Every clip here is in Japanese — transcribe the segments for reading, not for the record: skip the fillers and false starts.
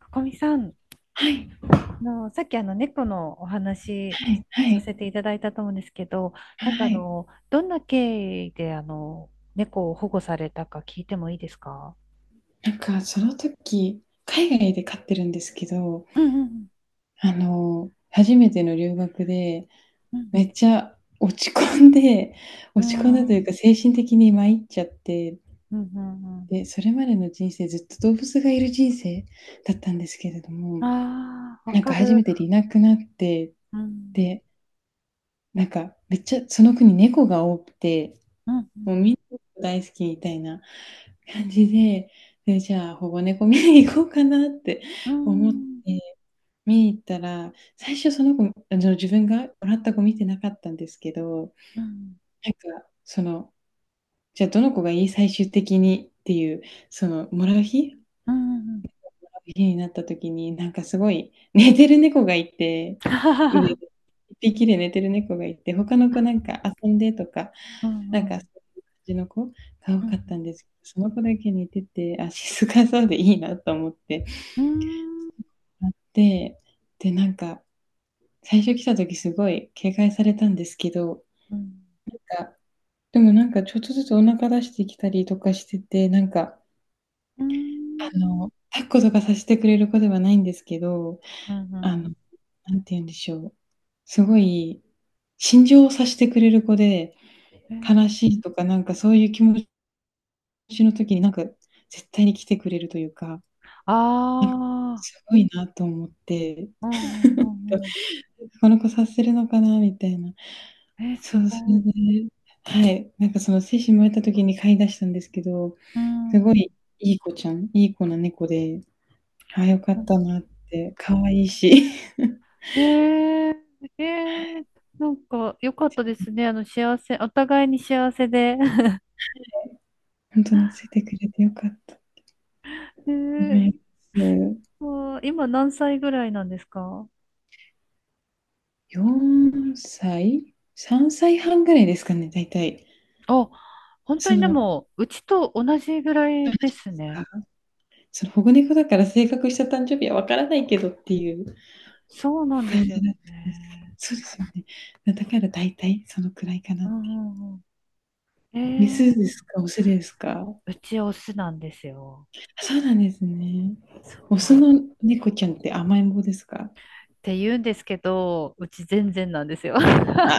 ここみさん、はい、さっき猫のお話はい、はさい、せていただいたと思うんですけど、はい。どんな経緯で猫を保護されたか聞いてもいいですか？なんかその時、海外で飼ってるんですけど、うんうん初めての留学で、うん、めっちゃ落ち込んで、う落ち込んだというんか精神的に参っちゃって、うんうん、うん、で、それまでの人生ずっと動物がいる人生だったんですけれども、ああ、わなんかか初める。ていなくなって、うんで、なんかめっちゃその国猫が多くて、うん、もうみんな大好きみたいな感じで、で、じゃあ保護猫見に行こうかなってう思って、ん見に行ったら、最初その子、自分がもらった子見てなかったんですけど、うんうん、なんかその、じゃあどの子がいい最終的にっていう、そのもうんうんらう日になった時に、なんかすごい寝てる猫がいて、上で、1匹で寝てる猫がいて、他の子なんか遊んでとかうなんんうか、そん、ういう感じの子がう多んうかっん、たんですけど、その子だけ似てて、あ、静かそうでいいなと思ってあって、で、なんか、最初来た時すごい警戒されたんですけど、がでもなんかちょっとずつお腹出してきたりとかしてて、なんか、抱っことかさせてくれる子ではないんですけど、うあの、ん、なんて言うんでしょう、すごい心情を察してくれる子で、うん、悲しいとか、なんかそういう気持ちの時に、なんか絶対に来てくれるというかなんかああ、すごいなと思って、うんうんう ん、うん。この子させ察するのかなみたいな。え、そすう、そごれい。ではい、なんかその精子生まれた時に飼い出したんですけど、うすごん。いいい子ちゃん、いい子な猫で、ああ、よかったなって、可愛いし、えー、ええ、なんか良かったですね。あの、幸せ、お互いに幸せで。本当と懐いてくれてよかったとええ、思います。わあ、今何歳ぐらいなんですか？4歳、3歳半ぐらいですかね、大体。あ、本当そにでの、ども、うちと同じぐらうなんいでですすか、ね。その保護猫だから正確した誕生日はわからないけどっていうそうなんで感すじよだったんですけど、ね。そうですよね。だから大体そのくらいかなうって。んうんうん。メスでええ、すか、オスですか。あ、うちオスなんですよ。そうなんですね。そオうなスんっの猫ちゃんって甘えん坊ですか？て言うんですけど、うち全然なんですよ。あ、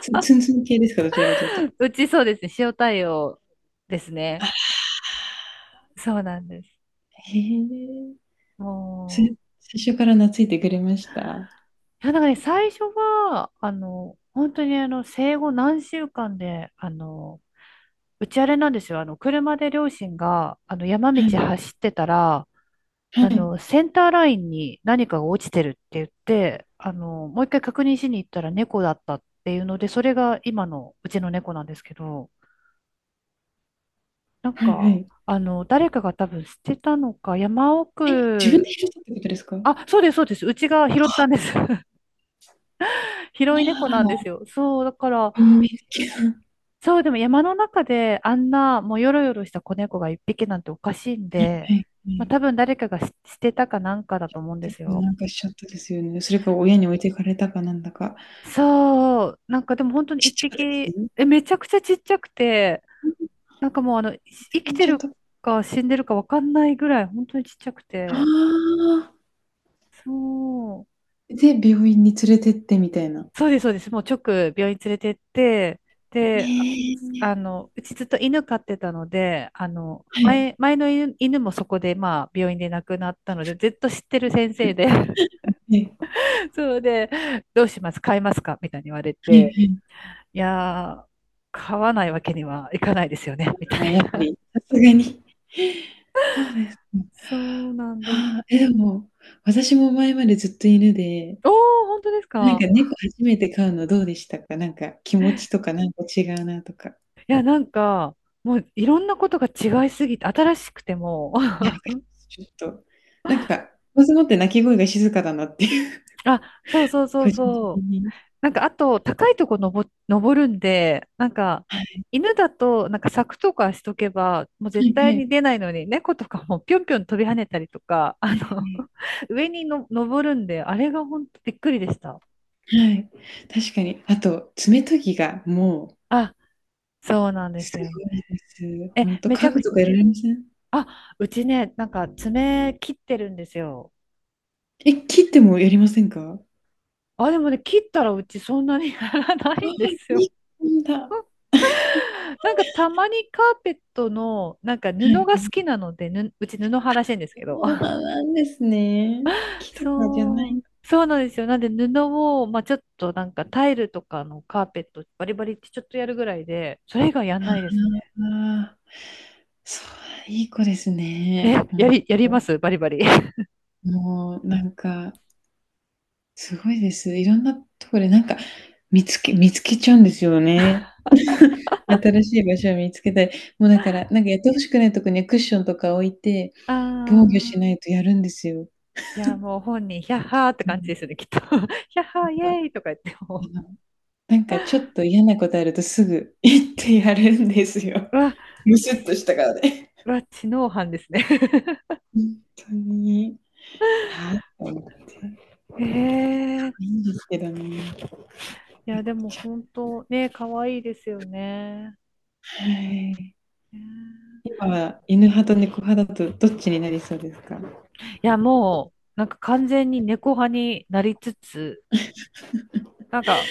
ツンツンツン系ですか、どちらかというと。うちそうですね、塩対応ですね。あ、そうなんです。へえ。そもれ最初から懐いてくれました。はう、いや、だからね、最初は、あの、本当にあの、生後何週間で、あの、うちあれなんですよ。あの、車で両親が、あの、山道い、走ってたら、はあい、の、センターラインに何かが落ちてるって言って、あの、もう一回確認しに行ったら猫だったっていうので、それが今のうちの猫なんですけど、なんはい、はか、い。あの、誰かが多分捨てたのか、山え、自分で奥、拾ったってことですか？ああ、そうです、そうです。うちが拾ったんです。広い猫なんでら、すよ。そう、だから、運命的な。そう、でも山の中であんな、もうよろよろした子猫が一匹なんておかしいんで、はい、はまあい。多分誰かが捨てたかなんかだと思うんでですもよ。なんかしちゃったですよね。それか親に置いてかれたかなんだか。そう、なんかでも本当に一父がです匹、ね。え、めちゃくちゃちっちゃくて、なんかもうあの、生言きってちゃっるた。あか死んでるかわかんないぐらい、本当にちっちゃくあ。て、そう。で、病院に連れてってみたいな。そうです、そうです。もう直病院連れてって、で、あ、ねあえ。の、うちずっと犬飼ってたので、あの、はい。前の犬、犬もそこで、まあ、病院で亡くなったので、ずっと知ってる先生で、はい。そうで、どうします飼いますかみたいに言われはいて、はい。いやー、飼わないわけにはいかないですよね、みたああ、いやっぱな。り、さすがに。そうですね。そうなんです。はあ、え、でも、私も前までずっと犬で、おー、本当ですなんか？か猫初めて飼うのどうでしたか？なんか気持ちとかなんか違うなとか。いや、なんか、もういろんなことが違いすぎて、新しくても、いや、わかります。ちょっと、なんか、ものすごって鳴き声が静かだなっていう、あ、そうそうそう個人そ的う。に。なんか、あと、高いとこ登るんで、なんか、はい。犬だと、なんか柵とかしとけば、もうは絶い対はい。に出ないのに、猫とかもぴょんぴょん飛び跳ねたりとか、はあいはの い。上にの登るんで、あれが本当びっくりでした。はい、確かに。あと、爪研ぎがもうあ、そうなんですすよ。ごいです。え、ほんと、めち家ゃ具くちとかやられません？ゃ、あ、うちね、なんか爪切ってるんですよ。え、切ってもやりませんか？ああ、でもね、切ったらうちそんなに やらなあ、いんですよ。日本だ。は なんかたまにカーペットの、なんかい、布が好 はきなので、ぬ、うち布派らしいんですけど、そうなんですね。木とかじゃなそいう。ん？そうなんですよ。なんで布を、まあ、ちょっとなんかタイルとかのカーペットバリバリってちょっとやるぐらいで、それ以外やんないであすあ。そう、いい子ですね。ね。ほえ、んやりと。ますバリバリ。あもうなんか、すごいです。いろんなとこでなんか、見つけちゃうんですよね。新しい場所を見つけたい。もうだから、なんかやって欲しくないとこにはクッションとか置いて、あ。防御しないとやるんですよ。いや、もう本人、ヒャッハーってで感じもですよね、きっと。ヒャッハー、イエなんか、ーイとか言ってあものなんかちょっと嫌なことあるとすぐ行ってやるんですよ。う、わ、ムスッとした顔で。うわ、知能犯ですね。ほんとに、はあと思って。へえ。いいんですけどね、いや、猫でもちゃん。本当ね、可愛いですよね。はい。ね、今は犬派と猫派だとどっちになりそうですか？はいや、もう、なんか完全に猫派になりつつ、なんか、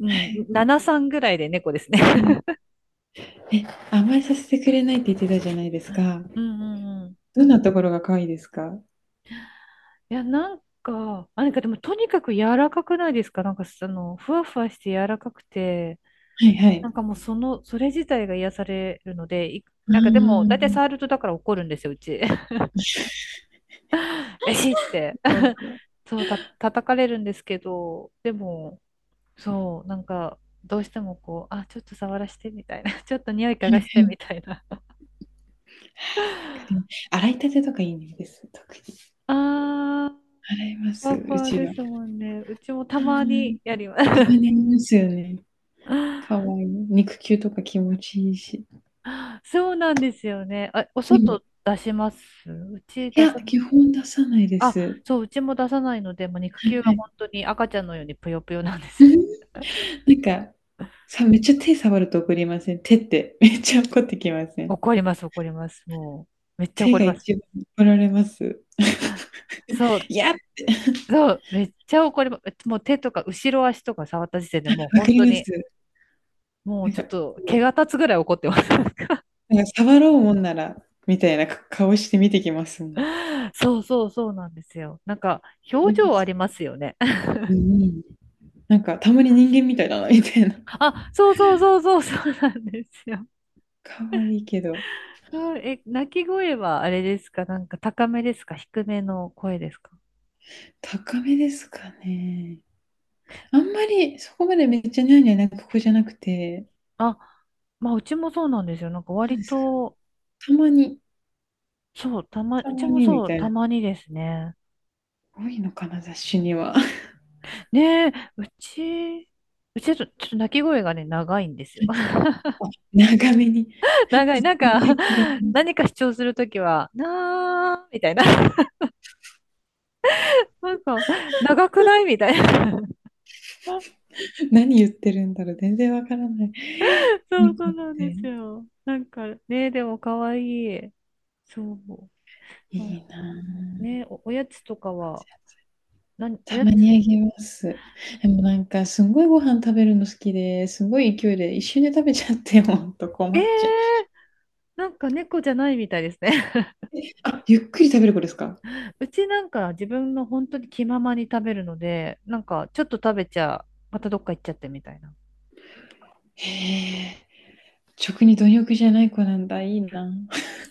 うん、い。7、3ぐらいで猫ですね。うん。え、甘えさせてくれないって言ってたじゃないです か。うんうんうん。どんなところが可愛いですか？はいや、なんか、あ、なんかでもとにかく柔らかくないですか？なんかその、ふわふわして柔らかくて、いはなんい。かもうその、それ自体が癒されるので、い、ああ、なんかでも、な大体ん触るとだから怒るんですよ、うち。ベシって。か。はそう、叩かれるんですけど、でも、そう、なんか、どうしてもこう、あ、ちょっと触らしてみたいな、ちょっと匂い嗅いがはしい。てわみたいな。かります。洗いたてとかいいです、特に。あー、洗いまふす、わふうわちでは。あ、すもんね。うちもたまにやります。たまにあますよね。可愛 いい。肉球とか気持ちいいし。そうなんですよね。あ、おでも、い外出します？うち出や、さ、基本出さないであ、す。はそう、うちも出さないので、もう肉い球がはい。本当に赤ちゃんのようにぷよぷよなんですうよ。ん、なんか、さ、めっちゃ手触ると怒りません？手って、めっちゃ怒ってきません？怒ります、怒ります。もう、めっちゃ手怒りがます。一番怒られます。そう、いやって。そう、めっちゃ怒ります。もう手とか後ろ足とか触った時点でもうわか本り当ます。に、もうなんちょかっと毛が立つぐらい怒ってます。なんか触ろうもんなら、みたいな顔して見てきますもん。そうそうそうなんですよ。なんか、表情ありますよね。うん、なんかたまに人間みたいだなみたいな。あ、そうそうそうそうそうなんですよ。可愛いけど、そう、え、鳴き声はあれですか？なんか高めですか低めの声ですか？高めですかね。あんまりそこまでめっちゃニャーニャー泣ここじゃなくて、あ、まあうちもそうなんですよ。なんかな割んですか。と、たまに、そう、たま、たうちまもにみそう、たいたな。まにですね。多いのかな、雑誌には。ねえ、うち、うちちょっと、ちょっと鳴き声がね、長いんですよ。長めに 長い。なんか、何か主張するときは、なー、みたいな。なんか、長くないみたいな。何言ってるんだろう、全然わからない。そうそ猫うっなんでてすよ。なんかねえ、でも可愛い。そう。いなんかいなぁ。ね、お、おやつとかは、何、おたやまつ、にあげます。でもなんか、すんごいご飯食べるの好きで、すごい勢いで一瞬で食べちゃって、ほんと困ええっちゃう。ー、なんか猫じゃないみたいですね。あ、ゆっくり食べる子ですか？ うちなんか自分の本当に気ままに食べるので、なんかちょっと食べちゃ、またどっか行っちゃってみたいな。へえ、食に貪欲じゃない子なんだ、いいな。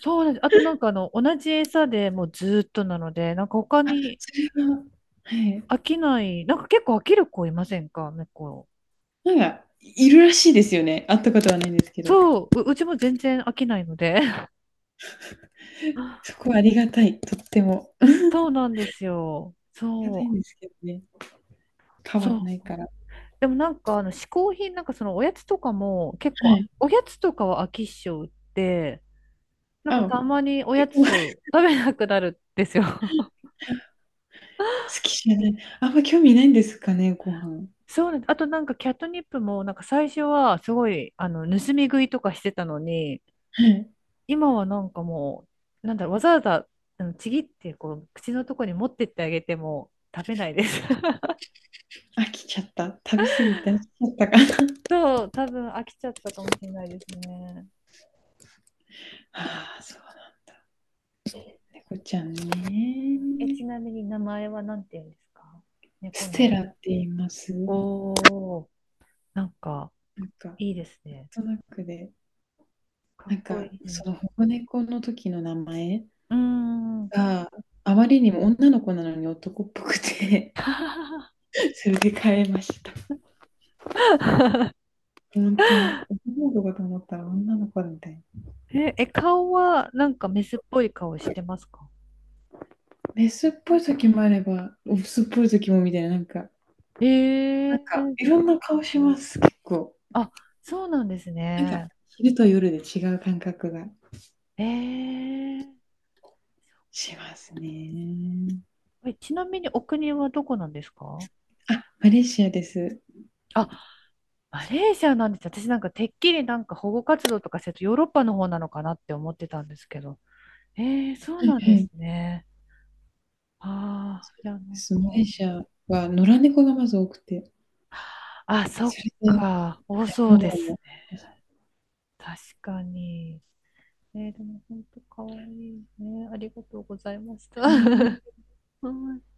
そうなんです。あとなんかあの、同じ餌でもうずーっとなので、なんか他にそれは、はい。飽きない、なんか結構飽きる子いませんか、猫。なんか、いるらしいですよね。会ったことはないんですけど。そう、う、うちも全然飽きないので。そこはありがたい、とっても。あそうなんですよ。りがたいんそですけどね。う。変わそんう、ないから。でもなんかあの嗜好品、なんかそのおやつとかも結は構い。おやつとかは飽き性でなんかあ、たまにおえ、やごつ飯を食べなくなるんですよ。好きじゃない。あんま興味ないんですかね、ご飯。そうなんです。あとなんかキャットニップもなんか最初はすごいあの盗み食いとかしてたのに、はい。今はなんかもうなんだろう、わざわざあのちぎってこう口のとこに持ってってあげても食べないです。飽きちゃった。食べ過ぎて飽きちゃったかな。そう多分飽きちゃったかもしれないですね。ああ、そうなんだ。猫ちゃんえ、ちね。なみに名前は何て言うんですか？猫ステの。ラって言います。お、お、なんか、なんか、なんいいですね。となくで、かっなんこか、いそい。の保護猫の時の名前うーん。があまりにも女の子なのに男っぽくて それで変えました。本当に、男の子かと思ったら女の子みたいな。え、え、顔は、なんかメスっぽい顔してますか？メスっぽい時もあれば、オスっぽい時もみたいな、なんか、ええなんか、ー、いろんな顔します、結構。あ、そうなんですなんか、ね。昼と夜で違う感覚が。ええー、そっか。しますね。え、ちなみにお国はどこなんですか？あ、マレーシアです。あ、マレーシアなんです。私なんかてっきりなんか保護活動とかしてるとヨーロッパの方なのかなって思ってたんですけど。ええ、そうはいなんはですい。ね。あそあ、ういや、なでんす。マレーか。シアは野良猫がまず多くて、あ、そそっれでか。多そう保で護すも。ね。あ確かに。えー、でも本当可愛いね。ありがとうございました。りがとうございまはすい